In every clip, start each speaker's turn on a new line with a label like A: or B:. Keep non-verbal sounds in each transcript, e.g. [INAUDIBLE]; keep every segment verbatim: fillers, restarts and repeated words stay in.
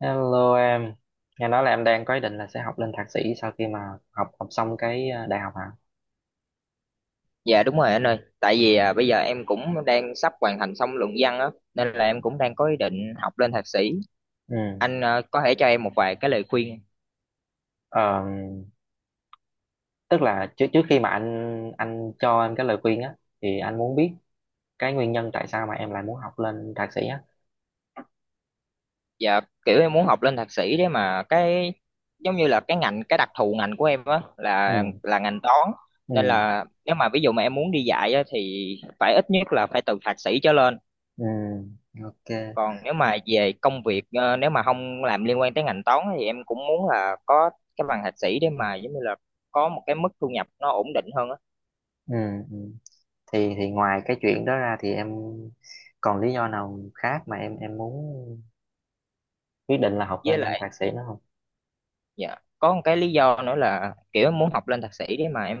A: Hello em, nghe nói là em đang có ý định là sẽ học lên thạc sĩ sau khi mà học học xong cái ờ, đại học hả?
B: Dạ đúng rồi anh ơi, tại vì à, bây giờ em cũng đang sắp hoàn thành xong luận văn á, nên là em cũng đang có ý định học lên thạc sĩ.
A: Ừ.
B: Anh à, có thể cho em một vài cái lời khuyên.
A: Ờ, tức là trước trước khi mà anh anh cho em cái lời khuyên á, thì anh muốn biết cái nguyên nhân tại sao mà em lại muốn học lên thạc sĩ á.
B: Dạ kiểu em muốn học lên thạc sĩ đấy mà cái giống như là cái ngành cái đặc thù ngành của em á là
A: Ừ.
B: là ngành toán.
A: Ừ.
B: Nên là nếu mà ví dụ mà em muốn đi dạy á, thì phải ít nhất là phải từ thạc sĩ trở lên.
A: Ừ. Ok.
B: Còn nếu mà về công việc ờ, nếu mà không làm liên quan tới ngành toán á, thì em cũng muốn là có cái bằng thạc sĩ để mà giống như là có một cái mức thu nhập nó ổn định hơn á.
A: Ừ. Ừ. Thì thì ngoài cái chuyện đó ra thì em còn lý do nào khác mà em em muốn quyết định là học
B: Với
A: lên
B: lại
A: thạc sĩ nữa không?
B: dạ có một cái lý do nữa là kiểu em muốn học lên thạc sĩ để mà em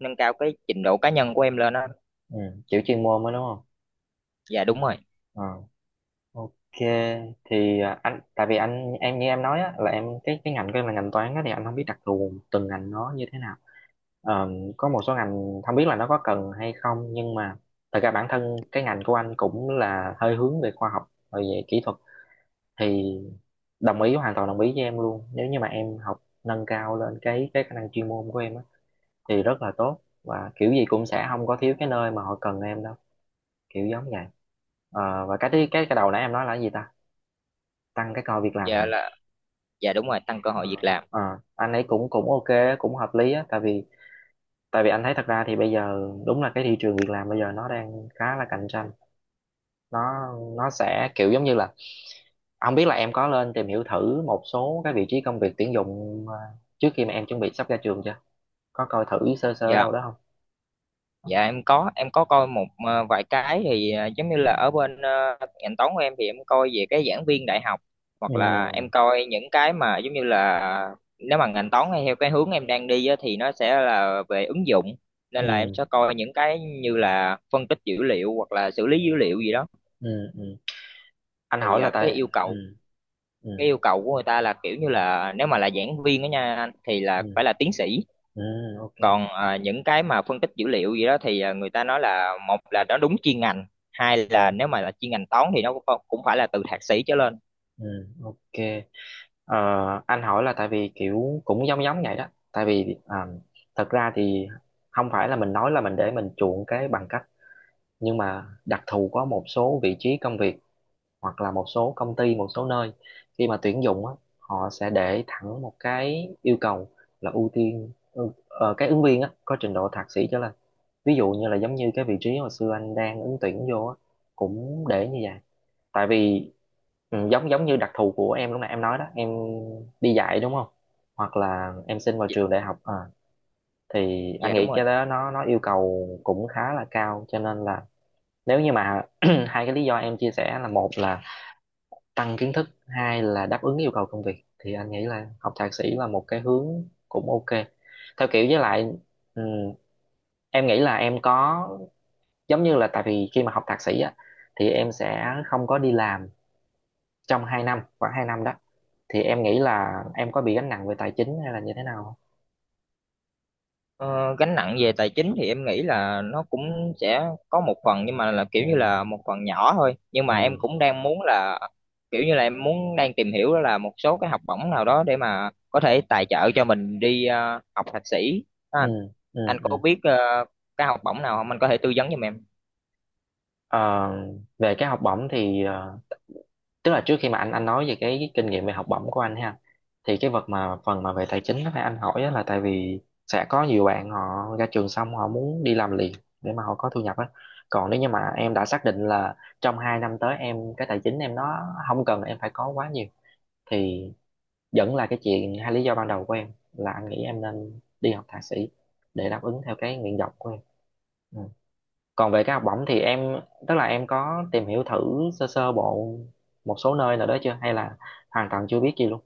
B: nâng cao cái trình độ cá nhân của em lên á.
A: Ừ. Chịu chuyên môn mới đúng không?
B: Dạ đúng rồi.
A: Ờ. Ok, thì à, anh tại vì anh em như em nói á, là em cái cái ngành của em là ngành toán á, thì anh không biết đặc thù từng ngành nó như thế nào. Ờm, có một số ngành không biết là nó có cần hay không, nhưng mà thật ra bản thân cái ngành của anh cũng là hơi hướng về khoa học rồi về kỹ thuật, thì đồng ý, hoàn toàn đồng ý với em luôn nếu như mà em học nâng cao lên cái cái khả năng chuyên môn của em á, thì rất là tốt, và kiểu gì cũng sẽ không có thiếu cái nơi mà họ cần em đâu, kiểu giống vậy. Ờ, và cái thứ- cái cái đầu nãy em nói là cái gì ta, tăng cái coi việc làm
B: Dạ
A: hả?
B: là, dạ đúng rồi, tăng cơ hội
A: ờ,
B: việc làm.
A: ờ, anh ấy cũng cũng ok, cũng hợp lý á, tại vì tại vì anh thấy thật ra thì bây giờ đúng là cái thị trường việc làm bây giờ nó đang khá là cạnh tranh. Nó nó sẽ kiểu giống như là không biết là em có lên tìm hiểu thử một số cái vị trí công việc tuyển dụng ờ, trước khi mà em chuẩn bị sắp ra trường chưa, có coi thử sơ sơ ở
B: Dạ
A: đâu đó không?
B: dạ, em có em có coi một ờ, vài cái thì ờ, giống như là ở bên ờ, ngành toán của em thì em coi về cái giảng viên đại học, hoặc là em
A: Ừ.
B: coi những cái mà giống như là nếu mà ngành toán hay theo cái hướng em đang đi á, thì nó sẽ là về ứng dụng, nên là em
A: Ừ.
B: sẽ coi những cái như là phân tích dữ liệu hoặc là xử lý dữ liệu gì đó.
A: Ừ. Ừ. Anh
B: Thì
A: hỏi là
B: à, cái
A: tại
B: yêu cầu
A: ừ. Ừ.
B: cái yêu cầu của người ta là kiểu như là nếu mà là giảng viên đó nha anh, thì là
A: Ừ.
B: phải là tiến sĩ.
A: Ừ. Ok.
B: Còn à, những cái mà phân tích dữ liệu gì đó thì à, người ta nói là một là nó đúng chuyên ngành, hai là
A: Ừ.
B: nếu mà là chuyên ngành toán thì nó cũng phải cũng phải là từ thạc sĩ trở lên.
A: Ừ. Ok. Ờ, anh hỏi là tại vì kiểu cũng giống giống vậy đó, tại vì à, thật ra thì không phải là mình nói là mình để mình chuộng cái bằng cấp, nhưng mà đặc thù có một số vị trí công việc hoặc là một số công ty, một số nơi khi mà tuyển dụng á, họ sẽ để thẳng một cái yêu cầu là ưu tiên ừ, ờ, cái ứng viên á, có trình độ thạc sĩ trở lên. Ví dụ như là giống như cái vị trí hồi xưa anh đang ứng tuyển vô á cũng để như vậy, tại vì ừ, giống giống như đặc thù của em lúc nãy em nói đó, em đi dạy đúng không, hoặc là em xin vào
B: Dạ
A: trường đại học à, thì anh
B: dạ, đúng
A: nghĩ
B: rồi.
A: cái đó nó nó yêu cầu cũng khá là cao, cho nên là nếu như mà [CLEARS THROAT] hai cái lý do em chia sẻ là một là tăng kiến thức, hai là đáp ứng yêu cầu công việc, thì anh nghĩ là học thạc sĩ là một cái hướng cũng ok, theo kiểu với lại ừ, em nghĩ là em có giống như là tại vì khi mà học thạc sĩ á thì em sẽ không có đi làm trong hai năm, khoảng hai năm đó, thì em nghĩ là em có bị gánh nặng về tài chính hay là như thế nào không?
B: Ờ, Gánh nặng về tài chính thì em nghĩ là nó cũng sẽ có một phần, nhưng mà là
A: Ừ.
B: kiểu như là một phần nhỏ thôi, nhưng mà em
A: Ừ.
B: cũng đang muốn là kiểu như là em muốn đang tìm hiểu đó là một số cái học bổng nào đó để mà có thể tài trợ cho mình đi ờ, học thạc sĩ đó anh.
A: Ừ. Ừ.
B: Anh có
A: Ừ.
B: biết ờ, cái học bổng nào không, anh có thể tư vấn giùm em?
A: ờ, về cái học bổng thì ờ, tức là trước khi mà anh anh nói về cái, cái kinh nghiệm về học bổng của anh ha, thì cái vật mà phần mà về tài chính đó là anh hỏi á là tại vì sẽ có nhiều bạn họ ra trường xong họ muốn đi làm liền để mà họ có thu nhập á. Còn nếu như mà em đã xác định là trong hai năm tới em cái tài chính em nó không cần em phải có quá nhiều, thì vẫn là cái chuyện hai lý do ban đầu của em, là anh nghĩ em nên đi học thạc sĩ để đáp ứng theo cái nguyện vọng của em. Ừ. Còn về cái học bổng thì em, tức là em có tìm hiểu thử sơ sơ bộ một số nơi nào đó chưa, hay là hoàn toàn chưa biết gì luôn?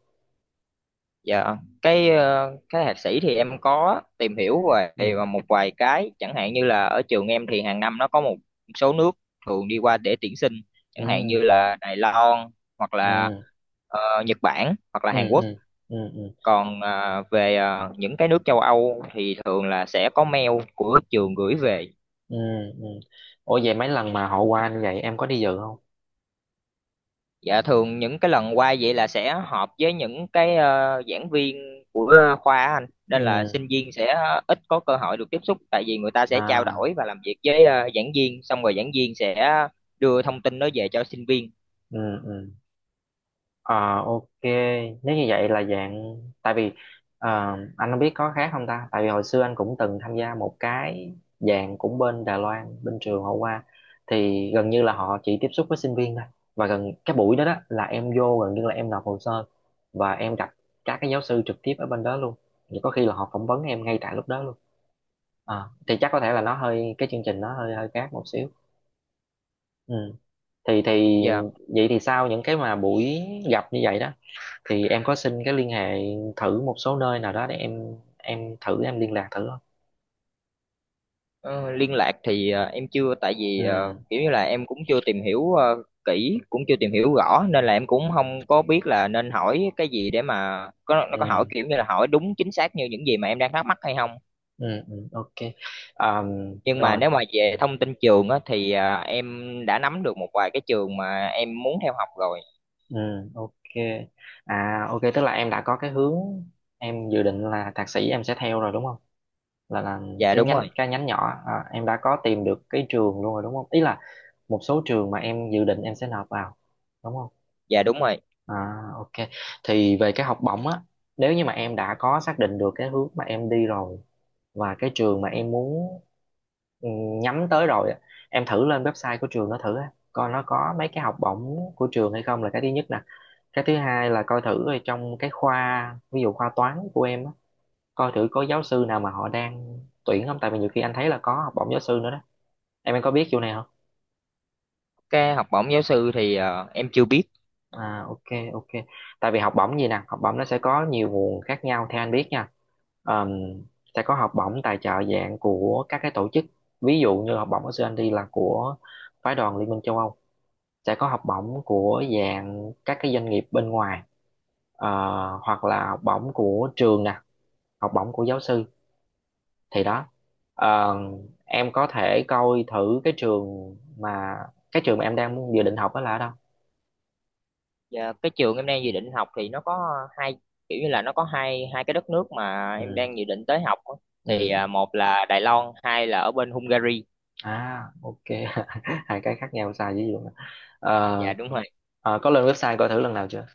B: Dạ cái ờ, cái thạc sĩ thì em có tìm hiểu về
A: Ừ.
B: ờ, một vài cái, chẳng hạn như là ở trường em thì hàng năm nó có một số nước thường đi qua để tuyển sinh, chẳng hạn như
A: Ừ.
B: là Đài Loan hoặc là
A: Ừ.
B: ờ, Nhật Bản hoặc là
A: Ừ.
B: Hàn Quốc.
A: Ừ. Ừ. Ừ.
B: Còn ờ, về ờ, những cái nước châu Âu thì thường là sẽ có mail của trường gửi về.
A: Ừ. Ừ. Ủa vậy mấy lần mà họ qua như vậy em có đi dự không?
B: Dạ thường những cái lần qua vậy là sẽ họp với những cái ờ, giảng viên của ờ, khoa á anh,
A: Ừ.
B: nên là sinh viên sẽ ít có cơ hội được tiếp xúc, tại vì người ta sẽ trao
A: À.
B: đổi và làm việc với ờ, giảng viên, xong rồi giảng viên sẽ đưa thông tin đó về cho sinh viên.
A: Ừ. Ừ. Ờ, ok, nếu như vậy là dạng tại vì ờ, anh không biết có khác không ta? Tại vì hồi xưa anh cũng từng tham gia một cái dạng cũng bên Đài Loan, bên trường họ qua, thì gần như là họ chỉ tiếp xúc với sinh viên thôi. Và gần cái buổi đó, đó là em vô, gần như là em nộp hồ sơ và em gặp các cái giáo sư trực tiếp ở bên đó luôn. Thì có khi là họ phỏng vấn em ngay tại lúc đó luôn. Ờ, thì chắc có thể là nó hơi cái chương trình nó hơi hơi khác một xíu. Ừ. Thì thì
B: Dạ.
A: vậy thì sau những cái mà buổi gặp như vậy đó thì em có xin cái liên hệ thử một số nơi nào đó để em em thử em liên lạc thử không?
B: Ờ, Liên lạc thì ờ, em chưa, tại vì ờ,
A: Ừ.
B: kiểu như là em cũng chưa tìm hiểu ờ, kỹ, cũng chưa tìm hiểu rõ, nên là em cũng không có biết là nên hỏi cái gì để mà có nó có hỏi
A: Ừ.
B: kiểu như là hỏi đúng chính xác như những gì mà em đang thắc mắc hay không.
A: Ừ. Ừ. Ok. Ờm,
B: Nhưng mà
A: rồi.
B: nếu mà về thông tin trường á thì à, em đã nắm được một vài cái trường mà em muốn theo học rồi.
A: Ừ. Ok. À ok, tức là em đã có cái hướng em dự định là thạc sĩ em sẽ theo rồi đúng không, là là
B: Dạ
A: cái
B: đúng
A: nhánh
B: rồi.
A: cái nhánh nhỏ à, em đã có tìm được cái trường luôn rồi đúng không, ý là một số trường mà em dự định em sẽ nộp vào đúng không?
B: Dạ đúng rồi,
A: À, ok. Thì về cái học bổng á, nếu như mà em đã có xác định được cái hướng mà em đi rồi và cái trường mà em muốn ừ, nhắm tới rồi á, em thử lên website của trường nó thử á, coi nó có mấy cái học bổng của trường hay không là cái thứ nhất nè. Cái thứ hai là coi thử ở trong cái khoa, ví dụ khoa toán của em á, coi thử có giáo sư nào mà họ đang tuyển không, tại vì nhiều khi anh thấy là có học bổng giáo sư nữa đó, em em có biết chỗ này không?
B: cái học bổng giáo sư thì à, em chưa biết.
A: À ok. Ok. Tại vì học bổng gì nè, học bổng nó sẽ có nhiều nguồn khác nhau theo anh biết nha. Ờm, sẽ có học bổng tài trợ dạng của các cái tổ chức. Ví dụ như học bổng của anh đi là của phái đoàn Liên minh châu Âu. Sẽ có học bổng của dạng các cái doanh nghiệp bên ngoài. Ờ, hoặc là học bổng của trường nè, học bổng của giáo sư, thì đó. Ờ, em có thể coi thử cái trường mà cái trường mà em đang dự định học đó là ở đâu.
B: Dạ, cái trường em đang dự định học thì nó có hai, kiểu như là nó có hai hai cái đất nước mà em
A: Ừ.
B: đang dự định tới học á.
A: Ừ.
B: Thì à,
A: Ừ.
B: một là Đài Loan, hai là ở bên Hungary.
A: À ok. [LAUGHS] hai cái khác nhau xa dữ vậy luôn á.
B: Dạ
A: Ờ,
B: đúng rồi.
A: ờ, có lên website coi thử lần nào chưa?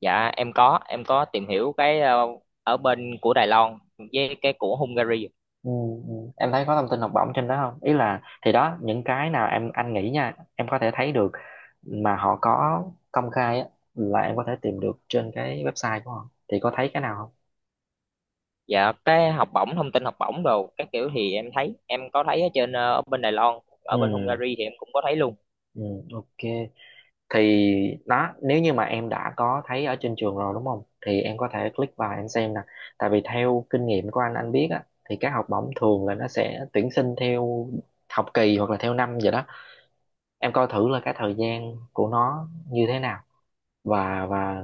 B: Dạ em có em có tìm hiểu cái ờ, ở bên của Đài Loan với cái của Hungary.
A: Ừ. Ừ. Em thấy có thông tin học bổng trên đó không, ý là thì đó những cái nào em, anh nghĩ nha, em có thể thấy được mà họ có công khai á, là em có thể tìm được trên cái website của họ thì có thấy cái nào không?
B: Dạ cái học bổng, thông tin học bổng đồ các kiểu, thì em thấy em có thấy ở trên ờ, ở bên Đài Loan, ở bên
A: Ừ.
B: Hungary thì em cũng có thấy luôn.
A: Ừ. Ok. Thì đó, nếu như mà em đã có thấy ở trên trường rồi đúng không thì em có thể click vào em xem nè. Tại vì theo kinh nghiệm của anh anh biết á, thì các học bổng thường là nó sẽ tuyển sinh theo học kỳ hoặc là theo năm vậy đó. Em coi thử là cái thời gian của nó như thế nào, và và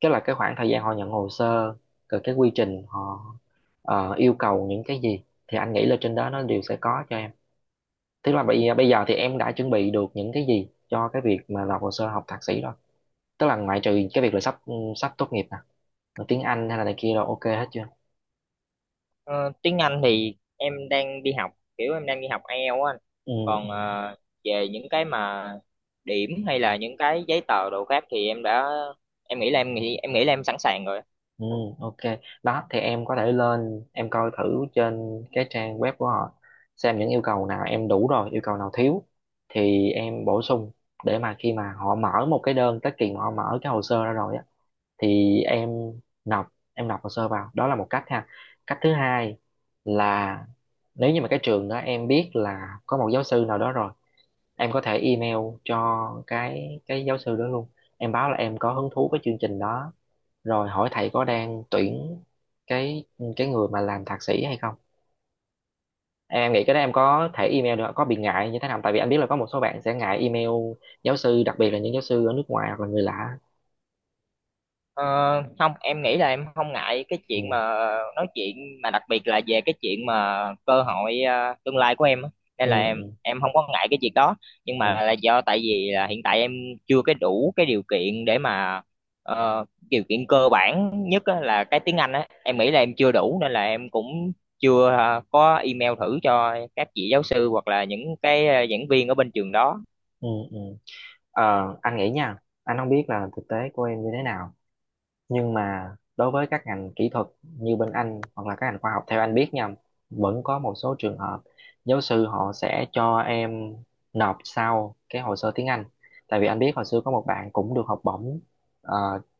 A: cái là cái khoảng thời gian họ nhận hồ sơ, rồi cái quy trình họ ờ, yêu cầu những cái gì, thì anh nghĩ là trên đó nó đều sẽ có cho em. Tức là bây bây giờ thì em đã chuẩn bị được những cái gì cho cái việc mà nộp hồ sơ học thạc sĩ rồi, tức là ngoại trừ cái việc là sắp sắp tốt nghiệp nè rồi tiếng Anh hay là này kia rồi ok hết chưa?
B: Ờ, Tiếng Anh thì em đang đi học, kiểu em đang đi học IELTS á anh.
A: Ừ.
B: Còn
A: Ừ.
B: ờ, về những cái mà điểm hay là những cái giấy tờ đồ khác thì em đã em nghĩ là em nghĩ em nghĩ là em sẵn sàng rồi á.
A: Ừ. Ok. Đó thì em có thể lên em coi thử trên cái trang web của họ, xem những yêu cầu nào em đủ rồi yêu cầu nào thiếu thì em bổ sung, để mà khi mà họ mở một cái đơn tới kỳ mà họ mở cái hồ sơ ra rồi á thì em nộp em nộp hồ sơ vào đó là một cách ha. Cách thứ hai là nếu như mà cái trường đó em biết là có một giáo sư nào đó rồi em có thể email cho cái cái giáo sư đó luôn Em báo là em có hứng thú với chương trình đó, rồi hỏi thầy có đang tuyển cái cái người mà làm thạc sĩ hay không. Em nghĩ cái đó em có thể email được, có bị ngại như thế nào, tại vì anh biết là có một số bạn sẽ ngại email giáo sư, đặc biệt là những giáo sư ở nước ngoài hoặc là người lạ.
B: Ờ, Không, em nghĩ là em không ngại cái chuyện mà
A: Ừ.
B: nói chuyện, mà đặc biệt là về cái chuyện mà cơ hội ờ, tương lai của em á.
A: Ừ.
B: Nên là em
A: Ừ.
B: em không có ngại cái việc đó. Nhưng
A: Ừ.
B: mà là do tại vì là hiện tại em chưa cái đủ cái điều kiện để mà ờ, điều kiện cơ bản nhất á, là cái tiếng Anh á, em nghĩ là em chưa đủ, nên là em cũng chưa ờ, có email thử cho các vị giáo sư hoặc là những cái ờ, giảng viên ở bên trường đó.
A: Ừ, ừ. Ờ, anh nghĩ nha, anh không biết là thực tế của em như thế nào, nhưng mà đối với các ngành kỹ thuật như bên anh hoặc là các ngành khoa học, theo anh biết nha, vẫn có một số trường hợp giáo sư họ sẽ cho em nộp sau cái hồ sơ tiếng Anh. Tại vì anh biết hồi xưa có một bạn cũng được học bổng ờ,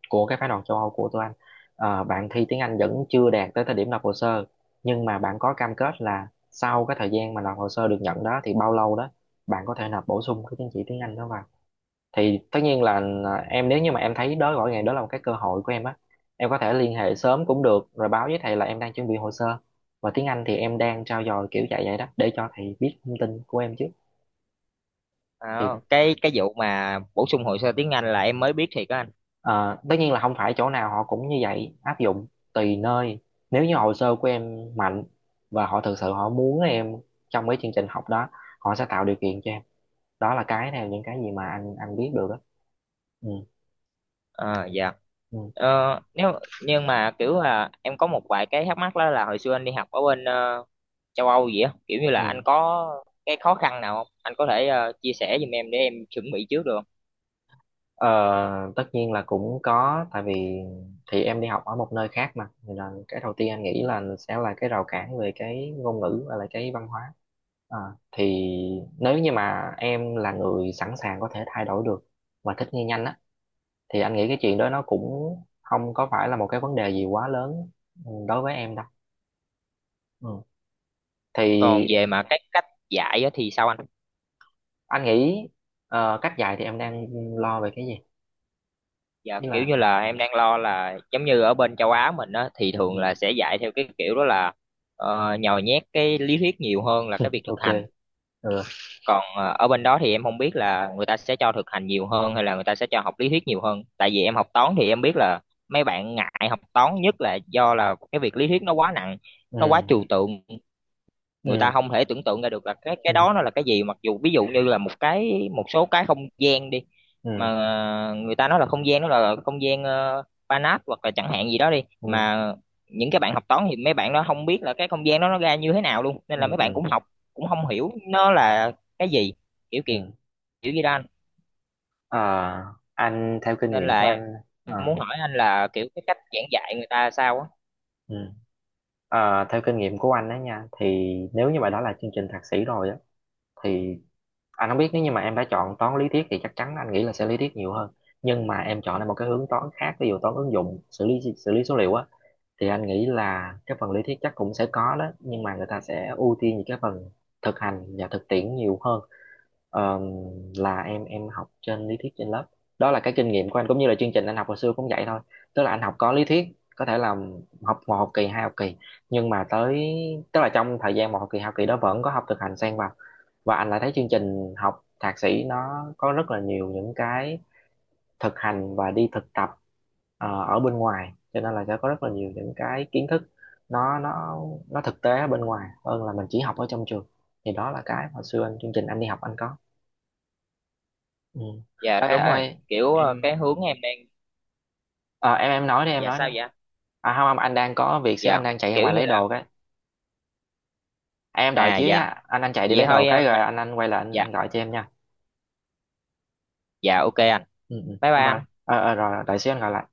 A: của cái phái đoàn châu Âu của tụi anh. Ờ, bạn thi tiếng Anh vẫn chưa đạt tới thời điểm nộp hồ sơ, nhưng mà bạn có cam kết là sau cái thời gian mà nộp hồ sơ được nhận đó thì bao lâu đó bạn có thể nộp bổ sung cái chứng chỉ tiếng Anh đó vào. Thì tất nhiên là, à, em nếu như mà em thấy đó gọi ngày đó là một cái cơ hội của em á, em có thể liên hệ sớm cũng được, rồi báo với thầy là em đang chuẩn bị hồ sơ và tiếng Anh thì em đang trau dồi kiểu dạy vậy đó, để cho thầy biết thông tin của em trước. Thì
B: Ờ, cái cái vụ mà bổ sung hồ sơ tiếng Anh là em mới biết thiệt á anh.
A: ờ, tất nhiên là không phải chỗ nào họ cũng như vậy áp dụng, tùy nơi. Nếu như hồ sơ của em mạnh và họ thực sự họ muốn em trong cái chương trình học đó, họ sẽ tạo điều kiện cho em. Đó là cái theo những cái gì mà anh anh biết được đó. Ừ,
B: Ờ, dạ.
A: ừ,
B: Ờ, nếu Nhưng mà kiểu là em có một vài cái thắc mắc đó là hồi xưa anh đi học ở bên ờ, châu Âu vậy á, kiểu như là anh
A: ừ.
B: có cái khó khăn nào không? Anh có thể ờ, chia sẻ giùm em để em chuẩn bị trước được không?
A: Ờ, tất nhiên là cũng có, tại vì thì em đi học ở một nơi khác mà, thì là cái đầu tiên anh nghĩ là sẽ là cái rào cản về cái ngôn ngữ và là cái văn hóa. Ờ, thì nếu như mà em là người sẵn sàng có thể thay đổi được và thích nghi nhanh á, thì anh nghĩ cái chuyện đó nó cũng không có phải là một cái vấn đề gì quá lớn, ừ, đối với em đâu. Ừ.
B: Còn
A: Thì
B: về mà cái cách dạy á thì sao anh?
A: anh nghĩ ờ, cách dạy thì em đang lo về cái gì?
B: Dạ
A: Tức
B: kiểu
A: là,
B: như là em đang lo là giống như ở bên châu Á mình á thì thường
A: ừ,
B: là sẽ dạy theo cái kiểu đó là ờ, nhồi nhét cái lý thuyết nhiều hơn là cái việc thực
A: ok.
B: hành.
A: Ừ.
B: Còn ờ, ở bên đó thì em không biết là người ta sẽ cho thực hành nhiều hơn hay là người ta sẽ cho học lý thuyết nhiều hơn, tại vì em học toán thì em biết là mấy bạn ngại học toán nhất là do là cái việc lý thuyết nó quá nặng, nó quá
A: Ừ.
B: trừu tượng. Người ta
A: Ừ.
B: không thể tưởng tượng ra được là cái cái
A: Ừ.
B: đó nó là cái gì, mặc dù ví dụ như là một cái một số cái không gian đi,
A: Ừ.
B: mà người ta nói là không gian đó là không gian uh, Banach hoặc là chẳng hạn gì đó đi,
A: Ừ.
B: mà những cái bạn học toán thì mấy bạn đó không biết là cái không gian đó nó ra như thế nào luôn, nên
A: Ừ.
B: là mấy bạn
A: Ừ.
B: cũng học cũng không hiểu nó là cái gì kiểu kiểu
A: Ừ.
B: kiểu gì đó anh.
A: Ờ, anh theo kinh
B: Nên
A: nghiệm
B: là
A: của
B: em
A: anh, ờ,
B: muốn hỏi anh là kiểu cái cách giảng dạy người ta sao á.
A: ừ. Ờ, theo kinh nghiệm của anh đó nha, thì nếu như mà đó là chương trình thạc sĩ rồi á, thì anh không biết, nếu như mà em đã chọn toán lý thuyết thì chắc chắn anh nghĩ là sẽ lý thuyết nhiều hơn. Nhưng mà em chọn lại một cái hướng toán khác, ví dụ toán ứng dụng, xử lý xử lý số liệu á, thì anh nghĩ là cái phần lý thuyết chắc cũng sẽ có đó, nhưng mà người ta sẽ ưu tiên những cái phần thực hành và thực tiễn nhiều hơn. Ờm, là em em học trên lý thuyết trên lớp. Đó là cái kinh nghiệm của anh, cũng như là chương trình anh học hồi xưa cũng vậy thôi. Tức là anh học có lý thuyết, có thể là học một học kỳ, hai học kỳ, nhưng mà tới, tức là trong thời gian một học kỳ hai học kỳ đó vẫn có học thực hành xen vào. Và anh lại thấy chương trình học thạc sĩ nó có rất là nhiều những cái thực hành và đi thực tập ờ, ở bên ngoài, cho nên là sẽ có rất là nhiều những cái kiến thức nó nó nó thực tế ở bên ngoài hơn là mình chỉ học ở trong trường. Thì đó là cái hồi xưa anh, chương trình anh đi học anh có. Ừ.
B: Dạ
A: Ê,
B: đúng
A: ê,
B: rồi, kiểu
A: ê,
B: ờ,
A: em,
B: cái hướng em đang.
A: ờ, em em nói đi em
B: Dạ
A: nói đi.
B: sao vậy?
A: À không không, anh đang có việc xíu,
B: Dạ
A: anh đang chạy ra
B: kiểu
A: ngoài
B: như
A: lấy
B: là.
A: đồ cái. Em đợi
B: À
A: xíu
B: dạ.
A: nha, anh anh chạy đi
B: Vậy
A: lấy đồ
B: thôi ờ,
A: cái rồi
B: mình.
A: anh anh quay lại, anh
B: Dạ
A: anh gọi cho em nha.
B: dạ ok anh.
A: Ừ, ừ.
B: Bye bye
A: Bye bye.
B: anh.
A: ờ ờ, Rồi rồi, đợi xíu anh gọi lại.